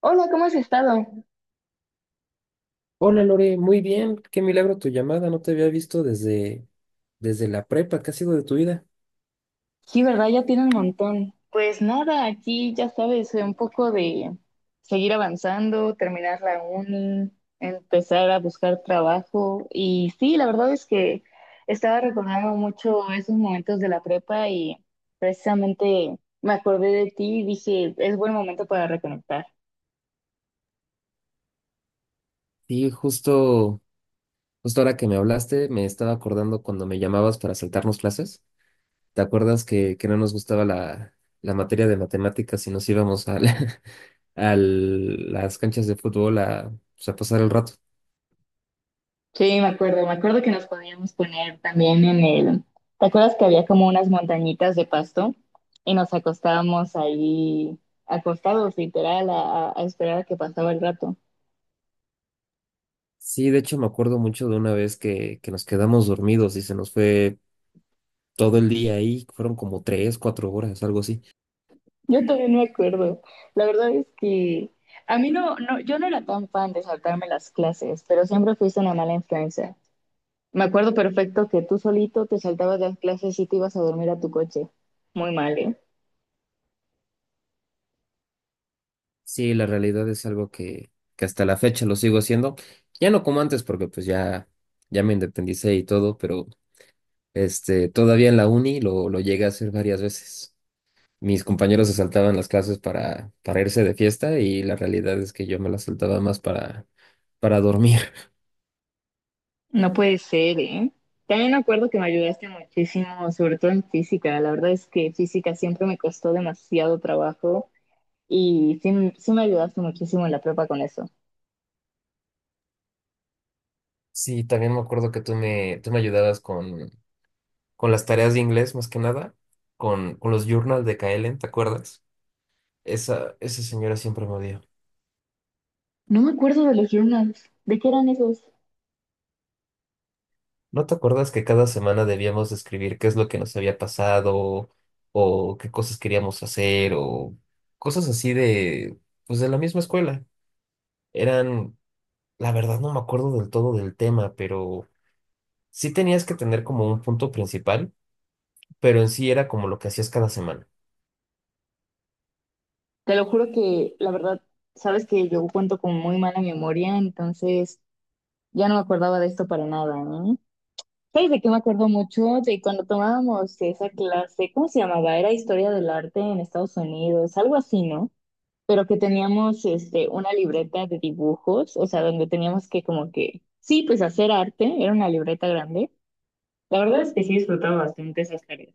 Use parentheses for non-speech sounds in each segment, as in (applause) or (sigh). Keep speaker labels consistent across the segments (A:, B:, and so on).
A: Hola, ¿cómo has estado?
B: Hola Lore, muy bien, qué milagro tu llamada, no te había visto desde la prepa, ¿qué ha sido de tu vida?
A: Sí, ¿verdad? Ya tiene un montón. Pues nada, aquí ya sabes, un poco de seguir avanzando, terminar la uni, empezar a buscar trabajo. Y sí, la verdad es que estaba recordando mucho esos momentos de la prepa y precisamente me acordé de ti y dije, es buen momento para reconectar.
B: Sí, justo ahora que me hablaste, me estaba acordando cuando me llamabas para saltarnos clases. ¿Te acuerdas que no nos gustaba la materia de matemáticas y nos íbamos a, (laughs) a las canchas de fútbol a, pues, a pasar el rato?
A: Sí, me acuerdo que nos podíamos poner también en el... ¿Te acuerdas que había como unas montañitas de pasto y nos acostábamos ahí, acostados literal, a esperar a que pasaba el rato?
B: Sí, de hecho me acuerdo mucho de una vez que nos quedamos dormidos y se nos fue todo el día ahí, fueron como tres, cuatro horas, algo así.
A: Yo también me acuerdo. La verdad es que a mí yo no era tan fan de saltarme las clases, pero siempre fuiste una mala influencia. Me acuerdo perfecto que tú solito te saltabas las clases y te ibas a dormir a tu coche. Muy mal, ¿eh?
B: Sí, la realidad es algo que hasta la fecha lo sigo haciendo. Ya no como antes, porque pues ya me independicé y todo, pero todavía en la uni lo llegué a hacer varias veces. Mis compañeros se saltaban las clases para irse de fiesta y la realidad es que yo me las saltaba más para dormir. (laughs)
A: No puede ser, ¿eh? También me acuerdo que me ayudaste muchísimo, sobre todo en física. La verdad es que física siempre me costó demasiado trabajo y sí, sí me ayudaste muchísimo en la prepa con eso.
B: Sí, también me acuerdo que tú me ayudabas con las tareas de inglés, más que nada, con los journals de Kaelen, ¿te acuerdas? Esa señora siempre me odió.
A: No me acuerdo de los journals. ¿De qué eran esos?
B: ¿No te acuerdas que cada semana debíamos escribir qué es lo que nos había pasado o qué cosas queríamos hacer o cosas así de, pues de la misma escuela? Eran, la verdad no me acuerdo del todo del tema, pero sí tenías que tener como un punto principal, pero en sí era como lo que hacías cada semana.
A: Te lo juro que, la verdad, sabes que yo cuento con muy mala memoria, entonces ya no me acordaba de esto para nada, ¿eh? ¿Sabes de qué me acuerdo mucho? De cuando tomábamos esa clase, ¿cómo se llamaba? Era historia del arte en Estados Unidos, algo así, ¿no? Pero que teníamos una libreta de dibujos, o sea, donde teníamos que como que, sí, pues hacer arte, era una libreta grande. La verdad es que sí disfrutaba bastante esas tareas.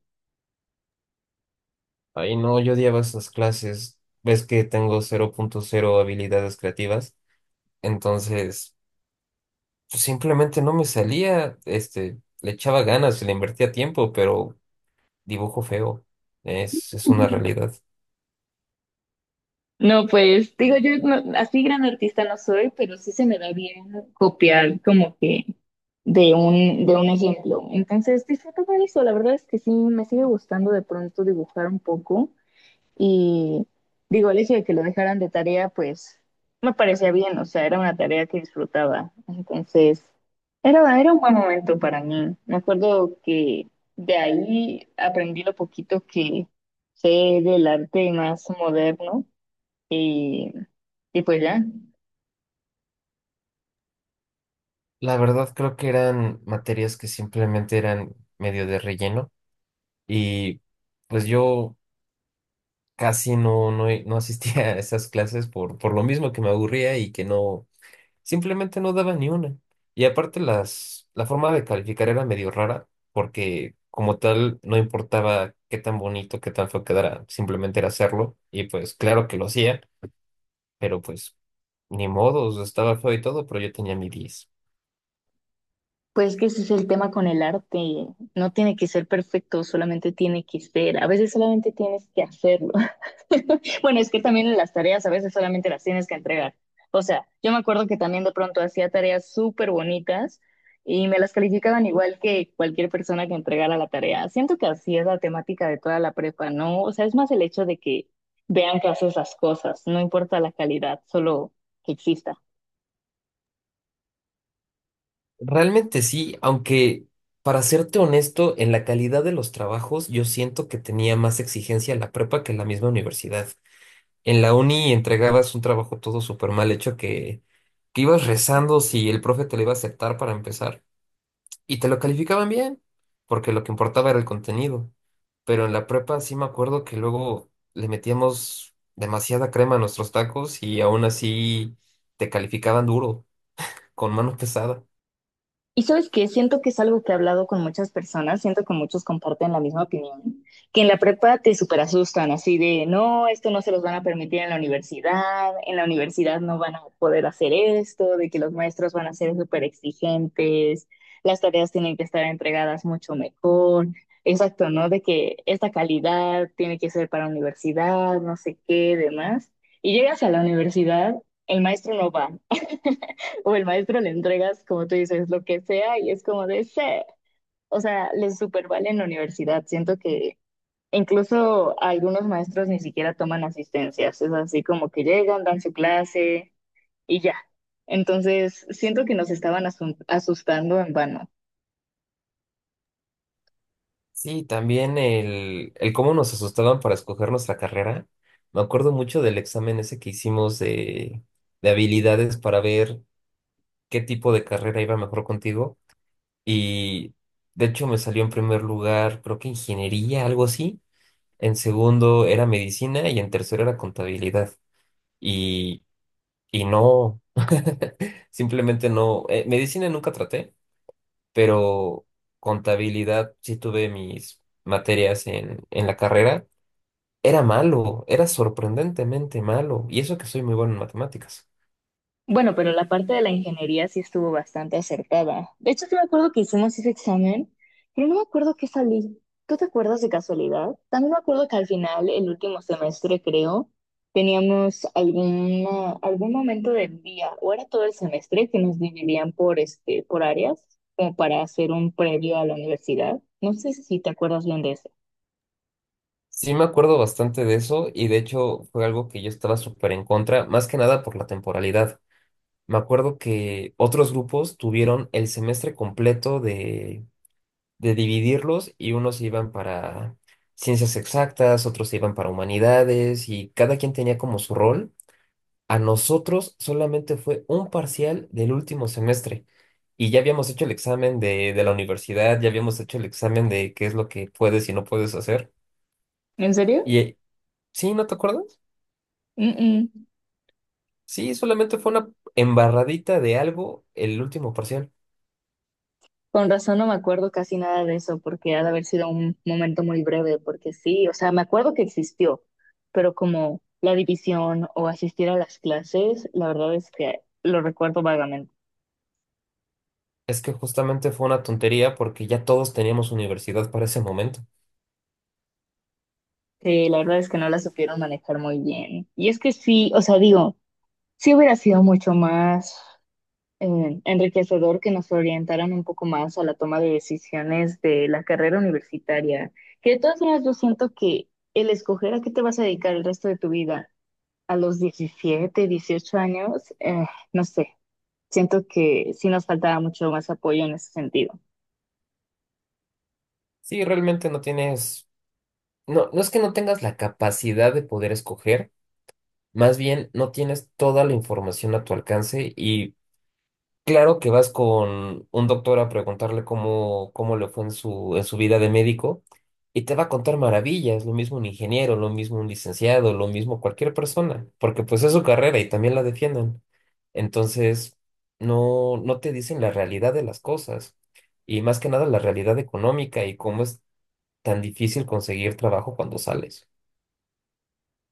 B: Ay, no, yo odiaba esas clases. Ves que tengo 0.0 habilidades creativas, entonces pues, simplemente no me salía, le echaba ganas, le invertía tiempo, pero dibujo feo. Es una realidad.
A: No, pues digo, yo no- así gran artista no soy, pero sí se me da bien copiar como que de un ejemplo. Entonces disfrutaba eso, la verdad es que sí, me sigue gustando de pronto dibujar un poco. Y digo, el hecho de que lo dejaran de tarea, pues no me parecía bien, o sea, era una tarea que disfrutaba. Entonces, era un buen momento para mí. Me acuerdo que de ahí aprendí lo poquito que sé del arte más moderno y, y pues ya.
B: La verdad creo que eran materias que simplemente eran medio de relleno y pues yo casi no, no, no asistía a esas clases por lo mismo que me aburría y que no, simplemente no daba ni una. Y aparte la forma de calificar era medio rara porque como tal no importaba qué tan bonito, qué tan feo quedara, simplemente era hacerlo y pues claro que lo hacía, pero pues ni modo, estaba feo y todo, pero yo tenía mi 10.
A: Pues que ese es el tema con el arte, no tiene que ser perfecto, solamente tiene que ser, a veces solamente tienes que hacerlo. (laughs) Bueno, es que también las tareas a veces solamente las tienes que entregar. O sea, yo me acuerdo que también de pronto hacía tareas súper bonitas y me las calificaban igual que cualquier persona que entregara la tarea. Siento que así es la temática de toda la prepa, ¿no? O sea, es más el hecho de que vean que haces las cosas, no importa la calidad, solo que exista.
B: Realmente sí, aunque para serte honesto, en la calidad de los trabajos yo siento que tenía más exigencia la prepa que la misma universidad. En la uni entregabas un trabajo todo súper mal hecho que ibas rezando si el profe te lo iba a aceptar para empezar y te lo calificaban bien, porque lo que importaba era el contenido. Pero en la prepa sí me acuerdo que luego le metíamos demasiada crema a nuestros tacos y aún así te calificaban duro, con mano pesada.
A: Y sabes que siento que es algo que he hablado con muchas personas, siento que muchos comparten la misma opinión, que en la prepa te super asustan, así de, no, esto no se los van a permitir en la universidad no van a poder hacer esto, de que los maestros van a ser súper exigentes, las tareas tienen que estar entregadas mucho mejor, exacto, ¿no? De que esta calidad tiene que ser para universidad, no sé qué, demás. Y llegas a la universidad, el maestro no va. (laughs) O el maestro le entregas, como tú dices, lo que sea y es como de, sé, o sea, les super vale en la universidad. Siento que incluso algunos maestros ni siquiera toman asistencias, es así como que llegan, dan su clase y ya. Entonces, siento que nos estaban asustando en vano.
B: Sí, también el cómo nos asustaban para escoger nuestra carrera. Me acuerdo mucho del examen ese que hicimos de habilidades para ver qué tipo de carrera iba mejor contigo. Y de hecho me salió en primer lugar, creo que ingeniería, algo así. En segundo era medicina y en tercero era contabilidad. Y, y no, (laughs) simplemente no. Medicina nunca traté, pero contabilidad sí tuve mis materias en la carrera. Era malo, era sorprendentemente malo, y eso que soy muy bueno en matemáticas.
A: Bueno, pero la parte de la ingeniería sí estuvo bastante acertada. De hecho, sí me acuerdo que hicimos ese examen, pero no me acuerdo qué salí. ¿Tú te acuerdas de casualidad? También me acuerdo que al final, el último semestre, creo, teníamos algún momento del día, o era todo el semestre, que nos dividían por, por áreas, como para hacer un previo a la universidad. No sé si te acuerdas bien de eso.
B: Sí me acuerdo bastante de eso, y de hecho fue algo que yo estaba súper en contra, más que nada por la temporalidad. Me acuerdo que otros grupos tuvieron el semestre completo de dividirlos, y unos iban para ciencias exactas, otros iban para humanidades, y cada quien tenía como su rol. A nosotros solamente fue un parcial del último semestre y ya habíamos hecho el examen de la universidad, ya habíamos hecho el examen de qué es lo que puedes y no puedes hacer.
A: ¿En serio?
B: Y sí, ¿no te acuerdas?
A: Mm, mm.
B: Sí, solamente fue una embarradita de algo el último parcial.
A: Con razón no me acuerdo casi nada de eso, porque ha de haber sido un momento muy breve, porque sí, o sea, me acuerdo que existió, pero como la división o asistir a las clases, la verdad es que lo recuerdo vagamente,
B: Es que justamente fue una tontería porque ya todos teníamos universidad para ese momento.
A: que la verdad es que no la supieron manejar muy bien. Y es que sí, o sea, digo, sí hubiera sido mucho más enriquecedor que nos orientaran un poco más a la toma de decisiones de la carrera universitaria, que de todas maneras yo siento que el escoger a qué te vas a dedicar el resto de tu vida, a los 17, 18 años, no sé, siento que sí nos faltaba mucho más apoyo en ese sentido.
B: Sí, realmente no tienes, no, no es que no tengas la capacidad de poder escoger, más bien no tienes toda la información a tu alcance y claro que vas con un doctor a preguntarle cómo le fue en su vida de médico y te va a contar maravillas, lo mismo un ingeniero, lo mismo un licenciado, lo mismo cualquier persona, porque pues es su carrera y también la defienden. Entonces, no, no te dicen la realidad de las cosas y más que nada la realidad económica y cómo es tan difícil conseguir trabajo cuando sales.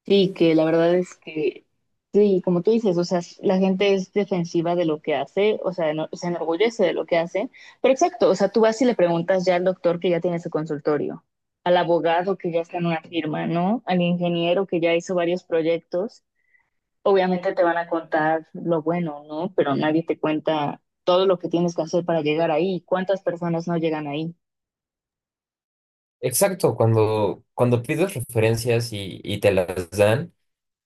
A: Sí, que la verdad es que, sí, como tú dices, o sea, la gente es defensiva de lo que hace, o sea, se enorgullece de lo que hace, pero exacto, o sea, tú vas y le preguntas ya al doctor que ya tiene su consultorio, al abogado que ya está en una firma, ¿no? Al ingeniero que ya hizo varios proyectos. Obviamente te van a contar lo bueno, ¿no? Pero nadie te cuenta todo lo que tienes que hacer para llegar ahí. ¿Cuántas personas no llegan ahí?
B: Exacto, cuando pides referencias y te las dan.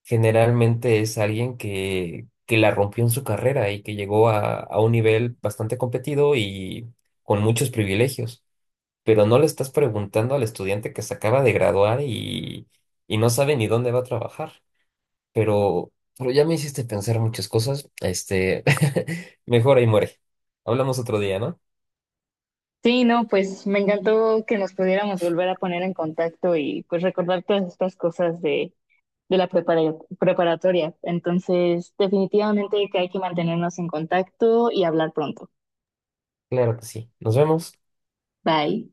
B: Generalmente es alguien que la rompió en su carrera y que llegó a un nivel bastante competido y con muchos privilegios. Pero no le estás preguntando al estudiante que se acaba de graduar y no sabe ni dónde va a trabajar. Pero, pero ya me hiciste pensar muchas cosas. (laughs) Mejor ahí muere. Hablamos otro día, ¿no?
A: Sí, no, pues me encantó que nos pudiéramos volver a poner en contacto y pues recordar todas estas cosas de, de la preparatoria. Entonces, definitivamente que hay que mantenernos en contacto y hablar pronto.
B: Claro que sí. Nos vemos.
A: Bye.